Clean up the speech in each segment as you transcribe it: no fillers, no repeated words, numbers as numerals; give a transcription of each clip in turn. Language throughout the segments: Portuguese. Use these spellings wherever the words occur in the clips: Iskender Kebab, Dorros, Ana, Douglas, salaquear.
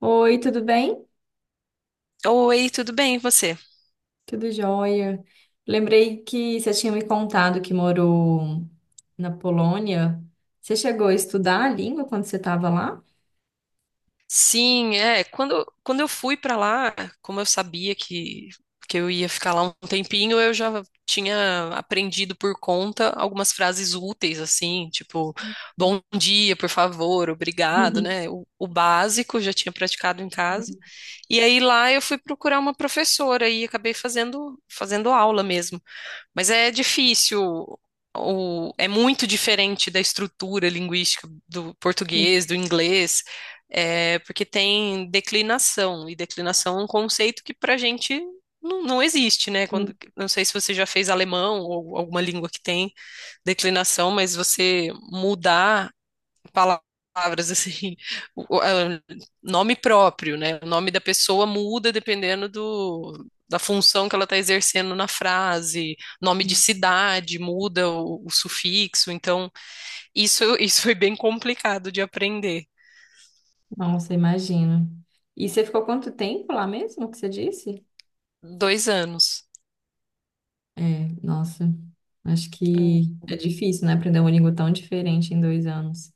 Oi, tudo bem? Oi, tudo bem, e você? Tudo jóia. Lembrei que você tinha me contado que morou na Polônia. Você chegou a estudar a língua quando você estava lá? Sim. Quando eu fui pra lá, como eu sabia que eu ia ficar lá um tempinho, eu já tinha aprendido por conta algumas frases úteis, assim, tipo, bom dia, por favor, obrigado, né? O básico eu já tinha praticado em casa. E aí lá eu fui procurar uma professora e acabei fazendo aula mesmo. Mas é difícil, é muito diferente da estrutura linguística do português, do inglês, porque tem declinação, e declinação é um conceito que para a gente não existe, né? Uhum. Não sei se você já fez alemão ou alguma língua que tem declinação, mas você mudar palavras assim, o- o- é, nome próprio, né? O nome da pessoa muda dependendo da função que ela está exercendo na frase, nome de cidade muda o sufixo, então isso foi bem complicado de aprender. Nossa, imagino. E você ficou quanto tempo lá mesmo que você disse? Dois anos. É, nossa, acho que é difícil, né? Aprender uma língua tão diferente em 2 anos.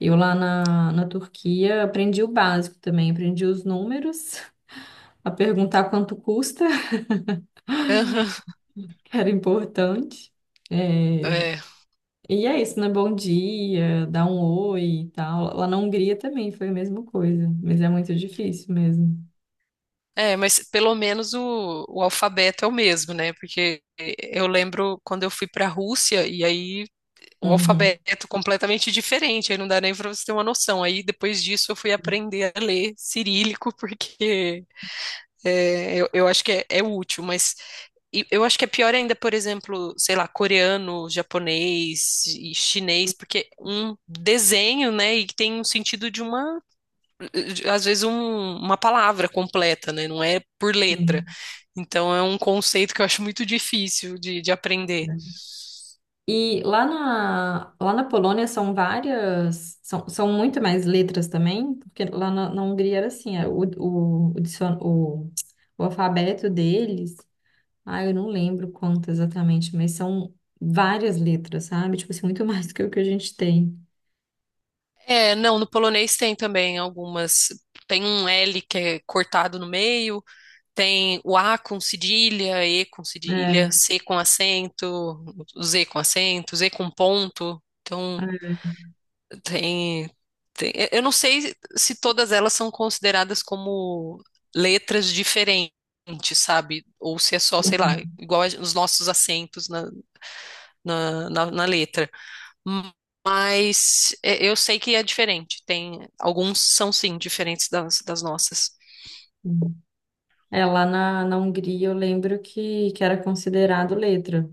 Eu lá na Turquia aprendi o básico também, aprendi os números, a perguntar quanto custa. Aham. Era importante. É. É, E é isso, né? Bom dia, dá um oi e tal. Lá na Hungria também foi a mesma coisa, mas é muito difícil mesmo. é, mas pelo menos o alfabeto é o mesmo, né? Porque eu lembro quando eu fui para a Rússia e aí o Uhum. alfabeto completamente diferente, aí não dá nem para você ter uma noção. Aí depois disso eu fui aprender a ler cirílico, porque eu acho que é útil, e eu acho que é pior ainda, por exemplo, sei lá, coreano, japonês e chinês, porque um desenho, né, e que tem um sentido de uma, de- às vezes um- uma palavra completa, né, não é por letra. Uhum. Então é um conceito que eu acho muito difícil de aprender. E lá na Polônia são várias, são muito mais letras também, porque lá na Hungria era assim, o alfabeto deles, ah, eu não lembro quanto exatamente, mas são várias letras, sabe? Tipo assim, muito mais do que o que a gente tem. É, não, no polonês tem também algumas. Tem um L que é cortado no meio, tem o A com cedilha, E com cedilha, É, C com acento, Z com acento, Z com ponto. Então, é. tem, Eu não sei se todas elas são consideradas como letras diferentes, sabe? Ou se é só, sei lá, os nossos acentos na, na letra. Hum. Mas é, eu sei que é diferente. Tem alguns são sim diferentes das, das nossas. Uhum. É, lá na Hungria eu lembro que era considerado letra,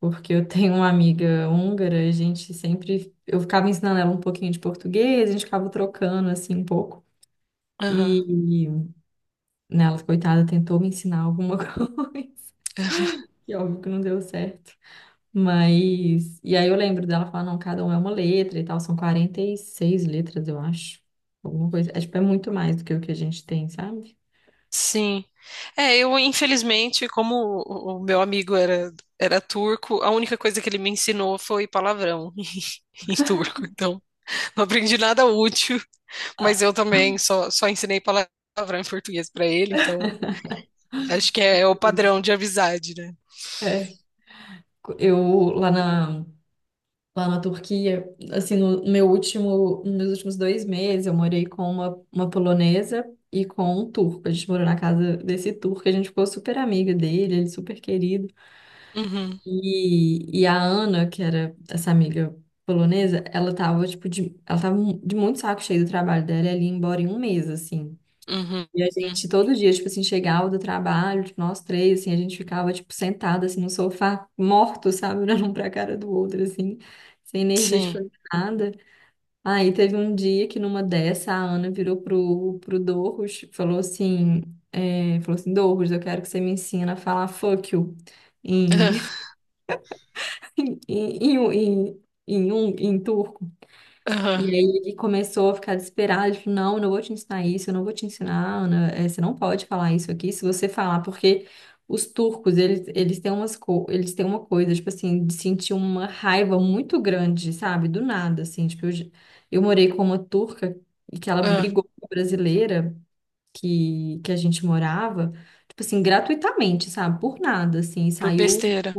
porque eu tenho uma amiga húngara, e a gente sempre, eu ficava ensinando ela um pouquinho de português, a gente ficava trocando assim um pouco, Aham. e né, ela, coitada, tentou me ensinar alguma coisa, e óbvio que não deu certo, mas, e aí eu lembro dela falar, não, cada um é uma letra e tal, são 46 letras, eu acho, alguma coisa, é tipo, é muito mais do que o que a gente tem, sabe? Sim. É, eu infelizmente, como o meu amigo era turco, a única coisa que ele me ensinou foi palavrão em turco. Então, não aprendi nada útil, mas Ah. eu também só ensinei palavrão em português para ele, então acho que é, é o padrão de amizade, né? É. Eu lá na, lá na Turquia, assim, no meu último, nos meus últimos 2 meses, eu morei com uma polonesa e com um turco. A gente morou na casa desse turco, a gente ficou super amiga dele, ele super querido. Uhum, E a Ana, que era essa amiga polonesa, ela tava, tipo, ela tava de muito saco cheio do trabalho dela, ela ia embora em um mês, assim. uhum, E a uhum. gente todo dia, tipo assim, chegava do trabalho, tipo, nós três, assim, a gente ficava, tipo, sentado, assim, no sofá, morto, sabe? Olhando um pra cara do outro, assim, sem energia de Sim. fazer nada. Aí teve um dia que numa dessa, a Ana virou pro Dorros, falou assim, Dorros, eu quero que você me ensina a falar fuck you em, Aham, em turco. E aham, aí ele começou a ficar desesperado, ele falou, não, eu não vou te ensinar isso, eu não vou te ensinar, Ana, você não pode falar isso aqui, se você falar, porque os turcos, eles têm uma coisa, tipo assim, de sentir uma raiva muito grande, sabe? Do nada, assim, tipo, eu morei com uma turca e que ela aham. brigou com a brasileira que a gente morava, tipo assim, gratuitamente, sabe? Por nada, assim, Por saiu... besteira.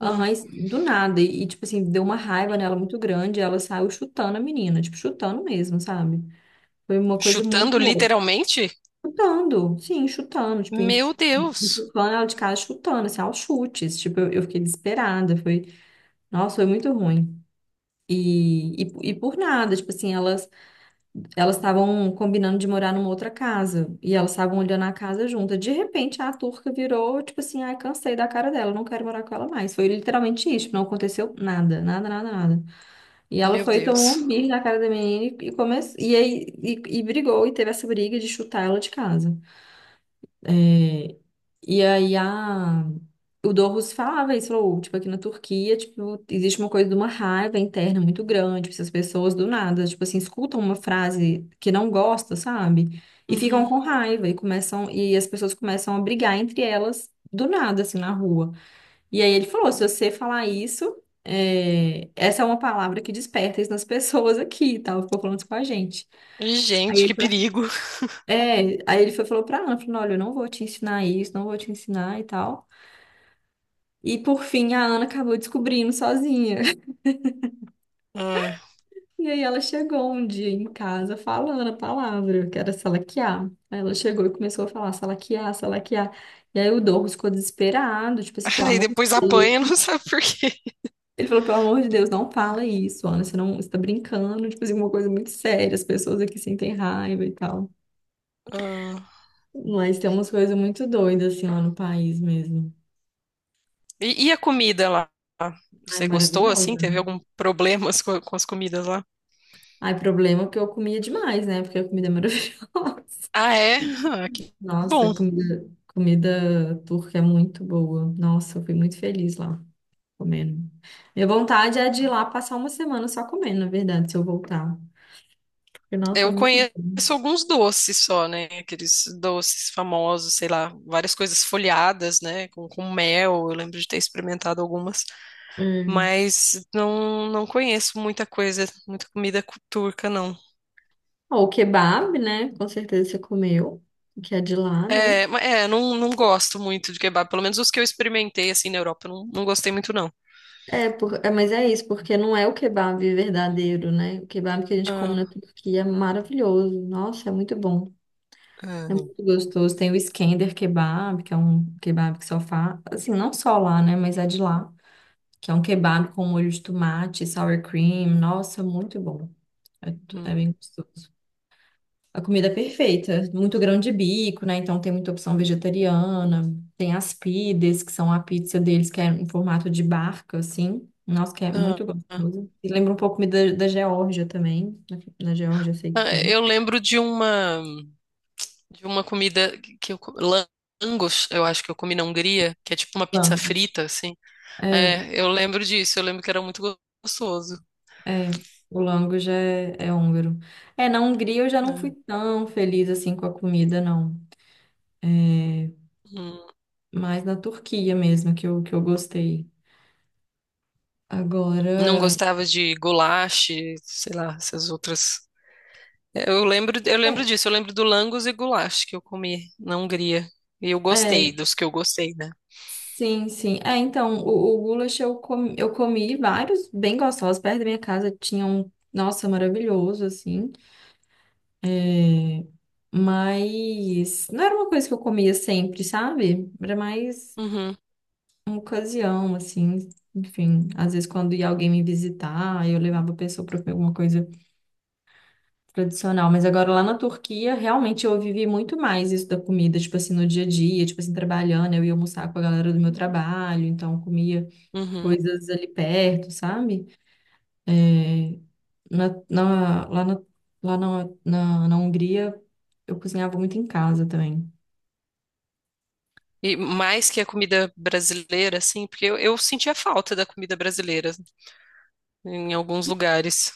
Ah. e do nada. E, tipo assim, deu uma raiva nela muito grande. Ela saiu chutando a menina, tipo, chutando mesmo, sabe? Foi uma coisa muito Chutando louca. literalmente? Chutando, sim, chutando, tipo, Meu Deus. empurrando ela de casa, chutando, assim, aos chutes. Tipo, eu fiquei desesperada. Foi, nossa, foi muito ruim. E por nada, tipo assim, elas estavam combinando de morar numa outra casa e elas estavam olhando a casa junta. De repente, a turca virou, tipo assim, ai, cansei da cara dela, não quero morar com ela mais. Foi literalmente isso, tipo, não aconteceu nada, nada, nada, nada. E ela Meu foi, tomou Deus. um birro na cara da menina e começou, e aí, e brigou e teve essa briga de chutar ela de casa. E aí o Dorus falava isso, falou, tipo, aqui na Turquia, tipo, existe uma coisa de uma raiva interna muito grande, tipo, se as pessoas do nada, tipo assim, escutam uma frase que não gosta, sabe? E ficam Uhum. com raiva e as pessoas começam a brigar entre elas do nada, assim, na rua. E aí ele falou, se você falar isso, essa é uma palavra que desperta isso nas pessoas aqui e tal, ficou falando isso com a gente. Aí Gente, que ele perigo. Foi, falou pra Ana, falou, olha, eu não vou te ensinar isso, não vou te ensinar e tal. E por fim a Ana acabou descobrindo sozinha. Ah. E aí ela chegou um dia em casa falando a palavra, que era salaquear. Aí ela chegou e começou a falar salaquear, salaquear. E aí o Douglas ficou desesperado, tipo assim, pelo Aí amor depois de apanha, Deus. não sabe por quê. Ele falou, pelo amor de Deus, não fala isso, Ana, você não, você tá brincando, tipo assim, uma coisa muito séria, as pessoas aqui sentem raiva e tal. Ah. Mas tem umas coisas muito doidas, assim, lá no país mesmo. E a comida lá? Ai, Você gostou assim? maravilhosa. Teve algum problemas com as comidas lá? Ai, problema que eu comia demais, né? Porque a comida é maravilhosa. Ah, é? Ah, que Nossa, bom. comida, comida turca é muito boa. Nossa, eu fui muito feliz lá comendo. Minha vontade é de ir lá passar uma semana só comendo, na verdade, se eu voltar. Porque, nossa, é Eu muito conheço bom. alguns doces só, né? Aqueles doces famosos, sei lá, várias coisas folhadas, né? Com mel. Eu lembro de ter experimentado algumas. É. Mas não, não conheço muita coisa, turca, não. Ó, o kebab, né? Com certeza você comeu, que é de lá, né? Não, não gosto muito de kebab. Pelo menos os que eu experimentei, assim, na Europa, eu não, não gostei muito, não. É, mas é isso, porque não é o kebab verdadeiro, né? O kebab que a gente come na Ah, Turquia é maravilhoso. Nossa, é muito bom. É ah, muito gostoso. Tem o Iskender Kebab, que é um kebab que só faz, assim, não só lá, né, mas é de lá, que é um kebab com molho de tomate, sour cream. Nossa, muito bom. É bem hum, gostoso. A comida é perfeita, muito grão de bico, né? Então tem muita opção vegetariana. Tem as pides, que são a pizza deles, que é em formato de barca, assim. Nossa, que é ah, muito ah. gostoso. E lembra um pouco da Geórgia também. Na Geórgia eu sei que Ah, tem. eu lembro de uma comida que eu... Langos, eu acho que eu comi na Hungria, que é tipo uma pizza Vamos. frita, assim. É, É, eu lembro disso, eu lembro que era muito gostoso. é, o lango já é húngaro. É, na Hungria eu já não fui Né? tão feliz assim com a comida, não. É, Hum. mais na Turquia mesmo que eu gostei. Não Agora, gostava de goulash, sei lá, essas outras. Eu lembro é, disso, eu lembro do langos e goulash que eu comi na Hungria. E eu gostei é, dos que eu gostei, né? sim, sim. É, então, o goulash eu comi vários bem gostosos perto da minha casa. Tinha um, nossa, maravilhoso, assim. É, mas não era uma coisa que eu comia sempre, sabe? Era mais Uhum, uma ocasião, assim, enfim, às vezes quando ia alguém me visitar, eu levava a pessoa para comer alguma coisa tradicional, mas agora lá na Turquia, realmente eu vivi muito mais isso da comida, tipo assim, no dia a dia, tipo assim, trabalhando, eu ia almoçar com a galera do meu trabalho, então comia uhum. coisas ali perto, sabe? É, na, na- lá na, lá na, na, na Hungria, eu cozinhava muito em casa também. E mais que a comida brasileira, assim, porque eu sentia falta da comida brasileira em alguns lugares.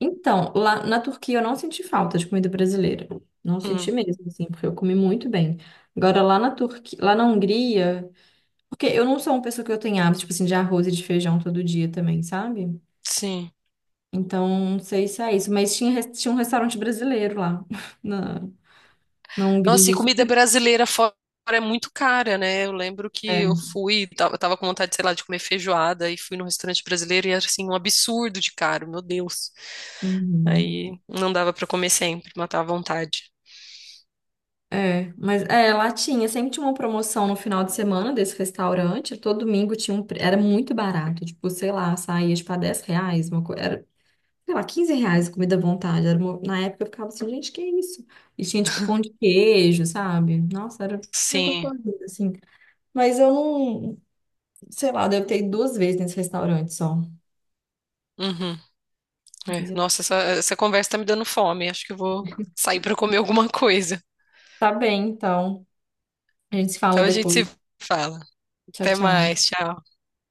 Então, lá na Turquia eu não senti falta de comida brasileira. Não senti Hum, mesmo, assim, porque eu comi muito bem. Agora, lá na Turquia, lá na Hungria, porque eu não sou uma pessoa que eu tenho hábito, tipo assim, de arroz e de feijão todo dia também, sabe? sim. Então, não sei se é isso, mas tinha um restaurante brasileiro lá na, na Nossa, e Hungria. comida Super. brasileira fora é muito cara, né? Eu lembro que eu É. fui, tava com vontade, sei lá, de comer feijoada e fui num restaurante brasileiro e era assim, um absurdo de caro, meu Deus. Uhum. Aí não dava pra comer sempre, matava a vontade. É, mas sempre tinha uma promoção no final de semana desse restaurante, todo domingo tinha era muito barato, tipo, sei lá, saía tipo a 10 reais, uma coisa, sei lá, 15 reais comida à vontade. Na época eu ficava assim, gente, que isso? E tinha tipo pão de queijo, sabe? Nossa, era Sim. gostoso, assim. Mas eu não, sei lá, eu devo ter ido duas vezes nesse restaurante só. Uhum. É. Nossa, essa conversa tá me dando fome. Acho que eu vou sair para comer alguma coisa. Tá bem, então. A gente se fala Então a gente se depois. fala. Tchau, Até tchau. mais. Tchau.